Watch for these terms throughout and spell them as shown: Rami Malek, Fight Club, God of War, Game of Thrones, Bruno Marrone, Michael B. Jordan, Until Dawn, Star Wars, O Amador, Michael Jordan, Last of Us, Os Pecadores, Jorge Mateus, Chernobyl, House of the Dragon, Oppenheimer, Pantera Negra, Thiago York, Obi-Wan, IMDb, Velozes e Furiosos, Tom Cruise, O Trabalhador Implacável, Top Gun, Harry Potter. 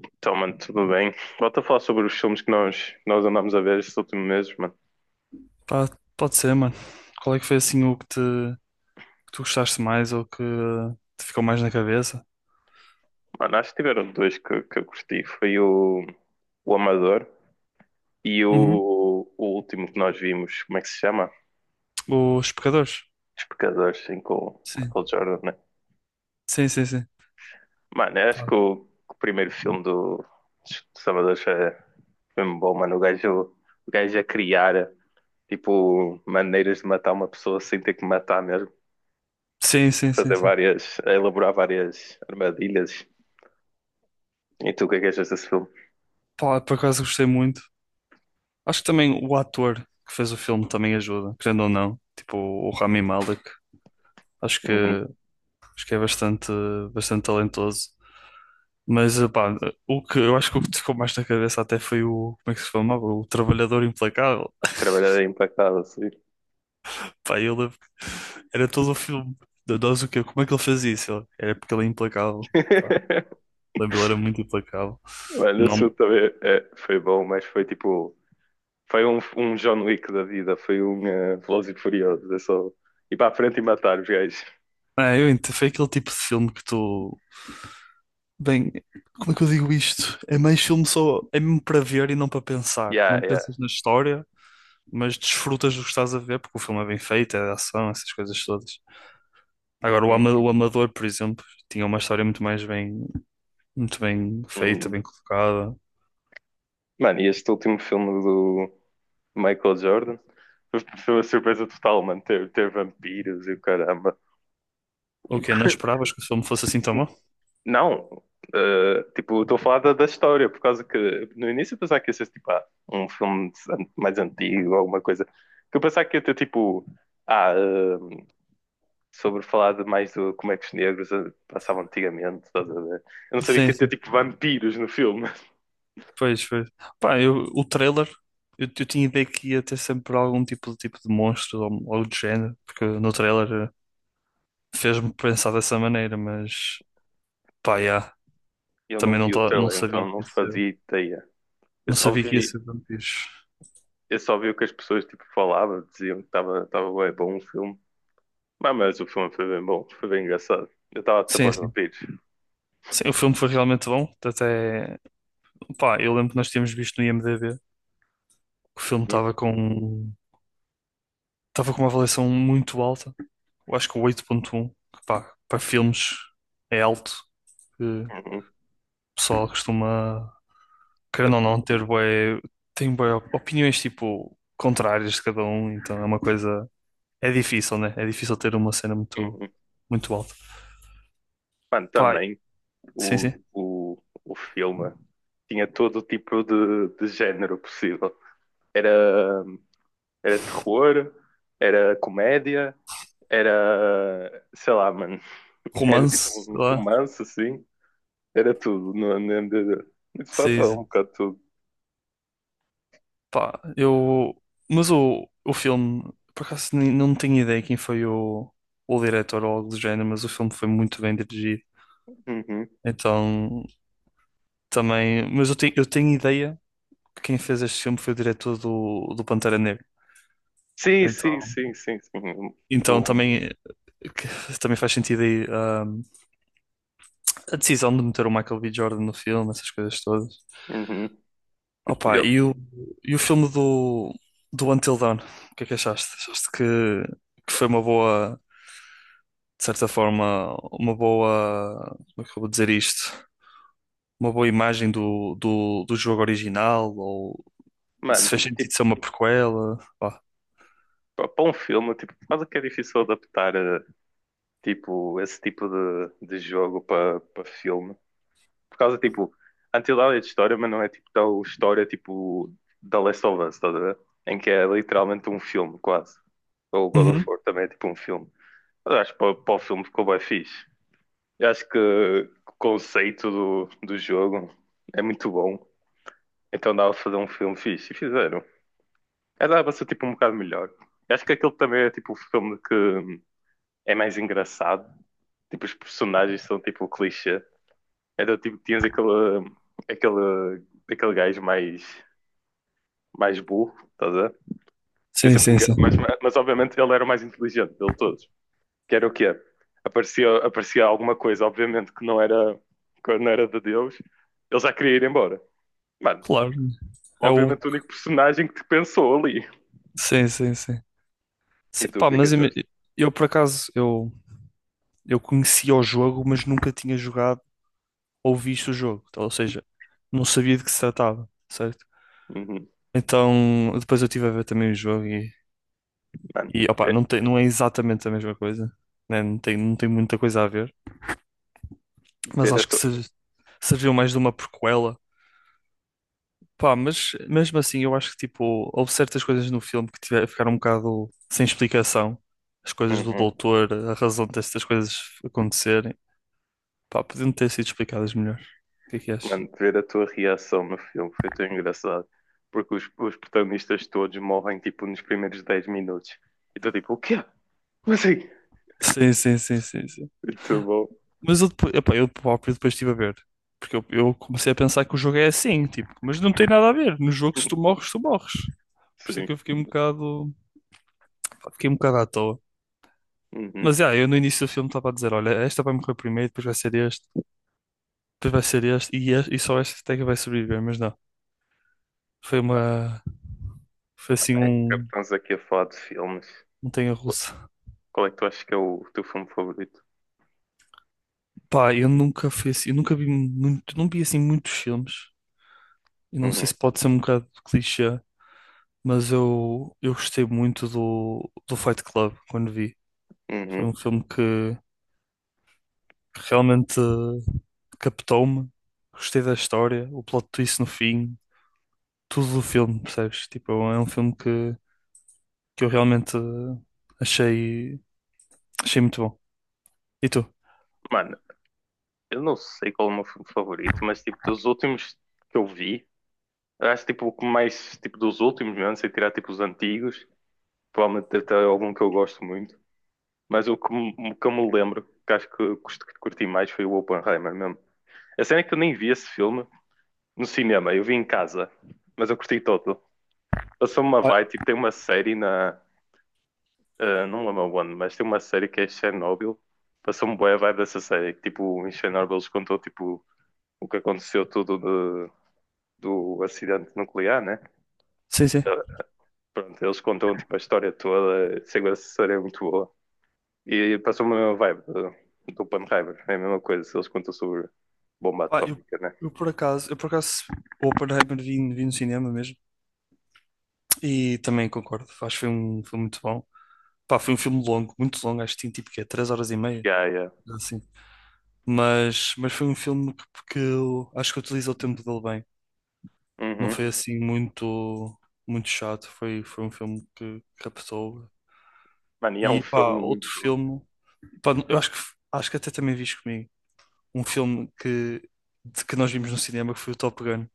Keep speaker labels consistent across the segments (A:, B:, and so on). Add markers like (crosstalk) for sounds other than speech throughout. A: Então, mano, tudo bem. Volto a falar sobre os filmes que nós andámos a ver estes últimos meses, mano.
B: Pá, pode ser, mano. Qual é que foi assim que tu gostaste mais ou que te ficou mais na cabeça?
A: Mano, acho que tiveram dois que eu curti. Foi o Amador e
B: Uhum.
A: o último que nós vimos, como é que se chama?
B: Os Pecadores.
A: Os Pecadores, sim, com o
B: Sim.
A: Michael Jordan, né?
B: Sim, sim, sim.
A: Mano, eu acho que o primeiro filme dos Amadores foi mesmo bom, mano. O gajo a criar, tipo, maneiras de matar uma pessoa sem ter que matar mesmo.
B: Sim, sim, sim,
A: Fazer
B: sim.
A: várias, a elaborar várias armadilhas. E tu, o que é que achas desse filme?
B: Pá, por acaso gostei muito. Acho que também o ator que fez o filme também ajuda, querendo ou não. Tipo, o Rami Malek. Acho
A: Uhum.
B: que, acho que é bastante talentoso. Mas, pá, eu acho que o que te ficou mais na cabeça até foi o, como é que se chamava? O Trabalhador Implacável.
A: Trabalhar é impecável, sim.
B: Pá, eu lembro que era todo o filme da Dose o quê? Como é que ele fazia isso? Era porque ele é implacável. Pá,
A: (laughs)
B: lembro, ele era muito implacável.
A: Mas esse
B: Não,
A: filme também foi bom, mas foi tipo. Foi um, um John Wick da vida, foi um Velozes e Furiosos. É só ir para a frente e matar os gajos.
B: é, eu entendo, foi aquele tipo de filme que tu. Bem, como é que eu digo isto? É mais filme só. É mesmo para ver e não para pensar.
A: Yeah,
B: Não
A: yeah.
B: pensas na história, mas desfrutas do que estás a ver, porque o filme é bem feito, é de ação, essas coisas todas. Agora,
A: Hum,
B: O Amador, por exemplo, tinha uma história muito bem feita,
A: hum.
B: bem colocada.
A: Mano, e este último filme do Michael Jordan foi foi uma surpresa total, mano. Ter vampiros e o caramba.
B: O quê? Não
A: (laughs)
B: esperavas que o filme fosse assim tão bom?
A: Não, tipo, estou a falar da história, por causa que no início eu pensava que ia ser tipo, ah, um filme an- mais antigo, alguma coisa. Que eu pensava que ia ter tipo, ah, eh, sobre falar de mais do como é que os negros passavam antigamente, estás a ver? Eu não sabia que
B: Sim,
A: ia ter
B: sim.
A: tipo vampiros no filme.
B: Pois, foi. Pá, o trailer, eu tinha ideia que ia ter sempre algum tipo de monstro ou algo do género, porque no trailer fez-me pensar dessa maneira, mas pá, yeah,
A: Eu não
B: também não,
A: vi o
B: não
A: trailer,
B: sabia
A: então
B: que
A: não
B: ia ser,
A: fazia ideia. Eu
B: não
A: só
B: sabia que ia
A: vi,
B: ser vampiros.
A: eu só vi o que as pessoas tipo, falavam, diziam que estava estava bem bom o filme. Mas o filme foi bem bom, foi bem engraçado. Eu estava a dizer para
B: Sim,
A: os
B: sim.
A: vampiros.
B: Sim, o filme foi realmente bom. Até, pá, eu lembro que nós tínhamos visto no IMDb que o filme
A: Hum,
B: estava com uma avaliação muito alta. Eu acho que o 8,1, que pá, para filmes é alto, que o
A: hum,
B: pessoal costuma querendo ou não, tem bué opiniões tipo contrárias de cada um, então é uma coisa. É difícil, né? É difícil ter uma cena muito,
A: hum.
B: muito alta.
A: Mano,
B: Pá,
A: também
B: sim,
A: o,
B: sim.
A: o, o filme tinha todo o tipo de género possível. Era, era terror, era comédia, era, sei lá, mano, (laughs) era tipo
B: Romance,
A: um
B: sei lá.
A: romance assim. Era tudo no MDD. De fato,
B: Sim,
A: era um
B: sim.
A: bocado tudo.
B: Pá, eu. Mas o filme, por acaso não tenho ideia quem foi o diretor ou algo do género, mas o filme foi muito bem dirigido.
A: Uhum.
B: Então, também. Mas eu tenho ideia que quem fez este filme foi o diretor do Pantera Negra.
A: Sim, sim,
B: Então,
A: sim, sim, sim. Um,
B: então
A: um,
B: também. Que (laughs) também faz sentido aí a decisão de meter o Michael B. Jordan no filme, essas coisas todas.
A: uhum.
B: Opa,
A: eu-
B: e o filme do Until Dawn, o que é que achaste? Achaste que foi uma boa, de certa forma, uma boa, como é que eu vou dizer isto? Uma boa imagem do jogo original, ou se
A: mano,
B: fez sentido
A: tipo,
B: ser uma prequela? Pá.
A: para um filme, tipo, quase que é difícil adaptar tipo, esse tipo de jogo para para filme. Por causa, tipo, Until Dawn é de história, mas não é tipo tal história tipo da Last of Us, estás a ver? Em que é literalmente um filme, quase. Ou God of
B: Uhum.
A: War também é tipo um filme. Mas acho que para o filme ficou bem fixe. Eu acho que o conceito do jogo é muito bom. Então dava pra fazer um filme fixe. E fizeram. Era dava pra ser tipo um bocado melhor. Eu acho que aquele também é tipo o filme que é mais engraçado. Tipo, os personagens são tipo clichê. Era tipo, tinhas aquele, aquele gajo mais burro, estás a ver? Que é
B: Sim,
A: sempre
B: sim, sim.
A: mas obviamente ele era o mais inteligente dele todos. Que era o quê? Aparecia alguma coisa, obviamente, que não era de Deus. Ele já queria ir embora. Mano,
B: Claro, é o.
A: obviamente o único personagem que te pensou ali.
B: Sim, sim, sim.
A: E
B: Sim,
A: tu, o
B: pá,
A: que é que
B: mas
A: achaste?
B: eu por acaso, eu conhecia o jogo, mas nunca tinha jogado ou visto o jogo. Então, ou seja, não sabia de que se tratava, certo?
A: Uhum.
B: Então, depois eu estive a ver também o jogo e,
A: Mano,
B: opa,
A: ve-
B: não é exatamente a mesma coisa, né? Não tem muita coisa a ver, mas
A: ver a
B: acho que
A: tua...
B: serviu mais de uma prequela. Pá, mas mesmo assim, eu acho que tipo, houve certas coisas no filme ficaram um bocado sem explicação. As coisas do
A: Uhum.
B: doutor, a razão destas coisas acontecerem, pá, podiam ter sido explicadas melhor. O que é que achas?
A: Mano, ver a tua reação no filme foi tão engraçado. Porque os protagonistas todos morrem, tipo, nos primeiros 10 minutos. E tu, tipo, o quê? Como assim?
B: Sim, sim, sim, sim, sim.
A: Muito bom.
B: Mas eu, depois, epá, eu próprio depois estive a ver. Porque eu comecei a pensar que o jogo é assim, tipo, mas não tem nada a ver. No jogo, se tu morres, tu morres. Por isso é
A: Sim.
B: que eu fiquei um bocado à toa.
A: Uhum.
B: Mas já, eu no início do filme estava a dizer: olha, esta vai morrer primeiro, depois vai ser este, depois vai ser este, e, este, e só esta até que vai sobreviver. Mas não, foi uma. Foi assim
A: É que
B: um.
A: estamos aqui a falar de filmes.
B: Montanha
A: Qu-
B: russa.
A: Qual é que tu achas que é o teu filme favorito?
B: Pá, eu nunca fui assim, eu nunca vi muito, não vi assim muitos filmes. E não sei
A: Uhum.
B: se pode ser um bocado clichê, mas eu gostei muito do Fight Club quando vi. Foi
A: Uhum.
B: um filme que realmente captou-me. Gostei da história, o plot twist no fim, tudo do filme, percebes? Tipo, é um filme que eu realmente achei, achei muito bom. E tu?
A: Mano, eu não sei qual é o meu filme favorito, mas, tipo, dos últimos que eu vi. Eu acho tipo o que mais tipo dos últimos, mesmo, sem tirar tipo os antigos, provavelmente deve algum que eu gosto muito, mas o que, o que eu me lembro, que acho que que curti mais foi o Oppenheimer mesmo. A cena é que eu nem vi esse filme no cinema, eu vi em casa, mas eu curti todo. Passou-me uma
B: Olha,
A: vibe, tipo, tem uma série na. Não lembro onde, mas tem uma série que é Chernobyl. Passou-me boa a vibe dessa série, que tipo, em Chernobyl eles contou tipo o que aconteceu tudo do acidente nuclear, né?
B: sim, sim.
A: Pronto, eles contam tipo, a história toda, sei lá, a série é muito boa. E passou-me a mesma vibe do Oppenheimer, é a mesma coisa, eles contam sobre bomba
B: Pá, eu,
A: atómica, né?
B: eu por acaso, eu por acaso, o Oppenheimer vi no cinema mesmo. E também concordo, acho que foi um filme muito bom. Pá, foi um filme longo, muito longo, acho que tinha tipo que é 3 horas e meia
A: Yeah, yeah.
B: assim. Mas foi um filme que eu acho que utiliza o tempo dele bem. Não
A: Uhum.
B: foi assim muito, muito chato. Foi um filme que captou.
A: Mano, e há um
B: E pá,
A: filme
B: outro
A: muito
B: filme. Pá, eu acho que, até também viste comigo. Um filme que nós vimos no cinema que foi o Top Gun.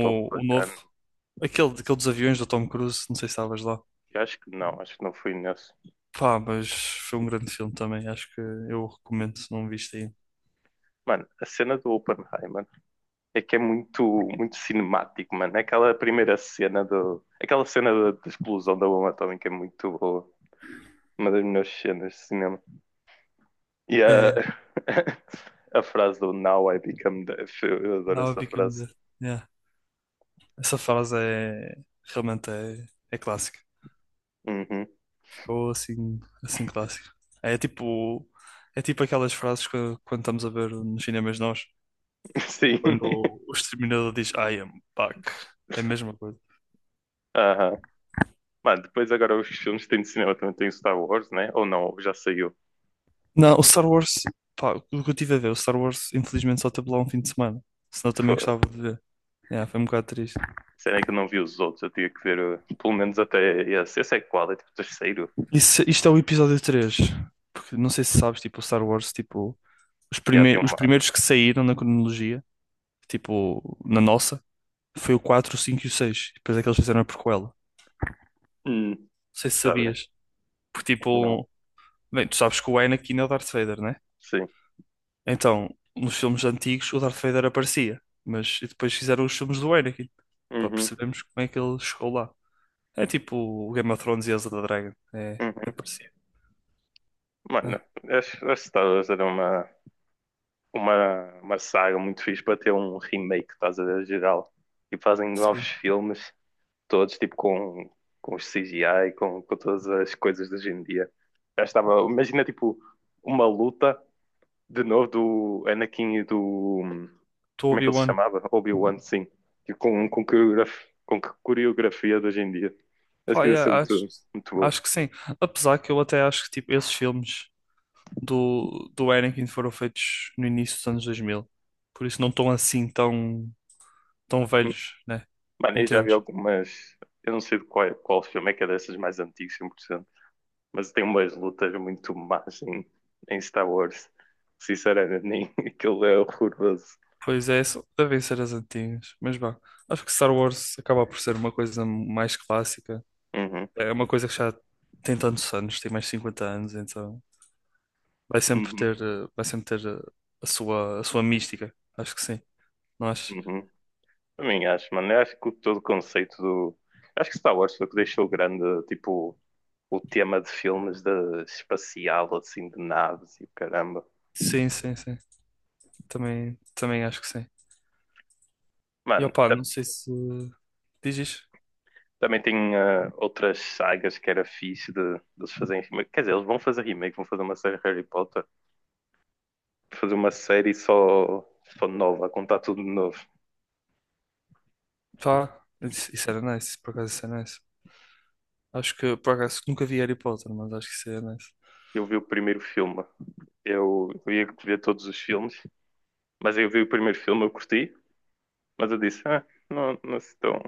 A: top
B: o novo.
A: bacana.
B: Aquele dos aviões do Tom Cruise. Não sei se estavas lá.
A: Eu acho que não fui nesse.
B: Pá, mas foi um grande filme também. Acho que eu o recomendo se não viste aí.
A: Mano, a cena do Oppenheimer é que é muito cinemático, mano. Aquela primeira cena do. Aquela cena da explosão da bomba atómica é muito boa. Uma das melhores cenas de cinema. E a,
B: É,
A: (laughs) a frase do Now I Become Deaf, eu adoro
B: Now I
A: essa
B: Become
A: frase.
B: Dead. Essa frase é realmente, é clássica.
A: Uhum.
B: Ficou assim, assim clássica. É tipo, é tipo aquelas frases que quando estamos a ver nos cinemas nós,
A: (laughs) Sim.
B: quando
A: (laughs)
B: o exterminador diz I am back. É a mesma coisa.
A: Aham. Mano, depois agora os filmes que têm de cinema também tem Star Wars, né? Ou não, já saiu.
B: Não, o Star Wars, pá, o que eu tive a ver, o Star Wars infelizmente só teve lá um fim de semana. Senão eu
A: Fô,
B: também gostava de ver. É, foi um bocado triste.
A: será que eu não vi os outros? Eu tinha que ver pelo menos até esse. Esse é qual? É tipo o terceiro.
B: Isso, Isto é o episódio 3. Porque não sei se sabes, tipo, o Star Wars, tipo, os
A: Já tem
B: primeiros, os
A: uma.
B: primeiros que saíram na cronologia, tipo, na nossa. Foi o 4, o 5 e o 6. Depois é que eles fizeram a prequela. Não
A: Hum.
B: sei se
A: Sabe?
B: sabias. Porque
A: Não.
B: tipo, bem, tu sabes que o Anakin é o Darth Vader, né?
A: Sim.
B: Então, nos filmes antigos o Darth Vader aparecia, mas e depois fizeram os filmes do Anakin para
A: Uhum.
B: percebermos como é que ele chegou lá. É tipo o Game of Thrones e House of the Dragon. É
A: Uhum.
B: parecido,
A: Mano,
B: né?
A: acho acho que Star Wars era uma saga muito fixe para ter um remake, estás a ver, geral. E fazem novos
B: Sim.
A: filmes todos, tipo com os CGI, com todas as coisas de hoje em dia. Já estava, imagina tipo uma luta de novo do Anakin e do.
B: Do
A: Como é que ele se
B: Obi-Wan.
A: chamava? Obi-Wan, sim. Tipo, coreografia, com que coreografia de hoje em dia. Acho
B: Pá,
A: que ia
B: é,
A: ser
B: acho,
A: muito boa.
B: acho que sim. Apesar que eu até acho que tipo, esses filmes do Anakin foram feitos no início dos anos 2000. Por isso não estão assim tão tão velhos, né?
A: Mano, eu já vi
B: Entendes?
A: algumas. Eu não sei de qual filme é que é dessas mais antigas, 100%, mas tem umas lutas muito más em, em Star Wars. Sinceramente, nem (laughs) aquilo é horroroso.
B: Pois é, devem ser as antigas. Mas vá, acho que Star Wars acaba por ser uma coisa mais clássica.
A: Uhum.
B: É uma coisa que já tem tantos anos, tem mais de 50 anos, então vai sempre
A: Uhum,
B: ter, eh, vai sempre ter eh, a sua mística. Acho que sim. Não acho?
A: uhum. Também acho, mano. Eu acho que todo o conceito do. Acho que Star Wars foi o que deixou grande, tipo, o tema de filmes de espacial, assim, de naves e o caramba.
B: Sim, sim, sim. Também acho que sim. E
A: Mano,
B: opá, não sei se diz isto.
A: também tem outras sagas que era fixe de eles fazerem remake. Quer dizer, eles vão fazer remake, vão fazer uma série de Harry Potter, fazer uma série só nova, a contar tudo de novo.
B: Pá, isso era nice, por acaso isso era nice. Acho que por acaso nunca vi Harry Potter, mas acho que isso era nice.
A: Eu vi o primeiro filme, eu ia ver todos os filmes, mas eu vi o primeiro filme, eu curti, mas eu disse, ah, não, não se tão,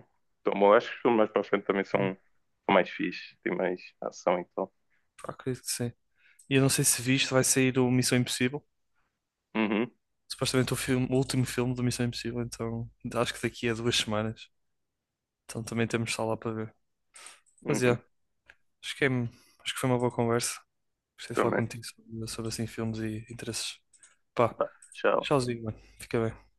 A: tão bom. Acho que os filmes mais para a frente também são, são mais fixes, tem mais ação então.
B: Pá, acredito que sim. E eu não sei se viste, vai sair o Missão Impossível.
A: Uhum,
B: Supostamente o filme, o último filme do Missão Impossível, então acho que daqui a 2 semanas. Então também temos sala para ver. Mas yeah,
A: uhum,
B: acho que foi uma boa conversa. Gostei de falar
A: também.
B: contigo sobre assim filmes e interesses. Pá,
A: Tá, tchau.
B: tchauzinho, mano. Fica bem.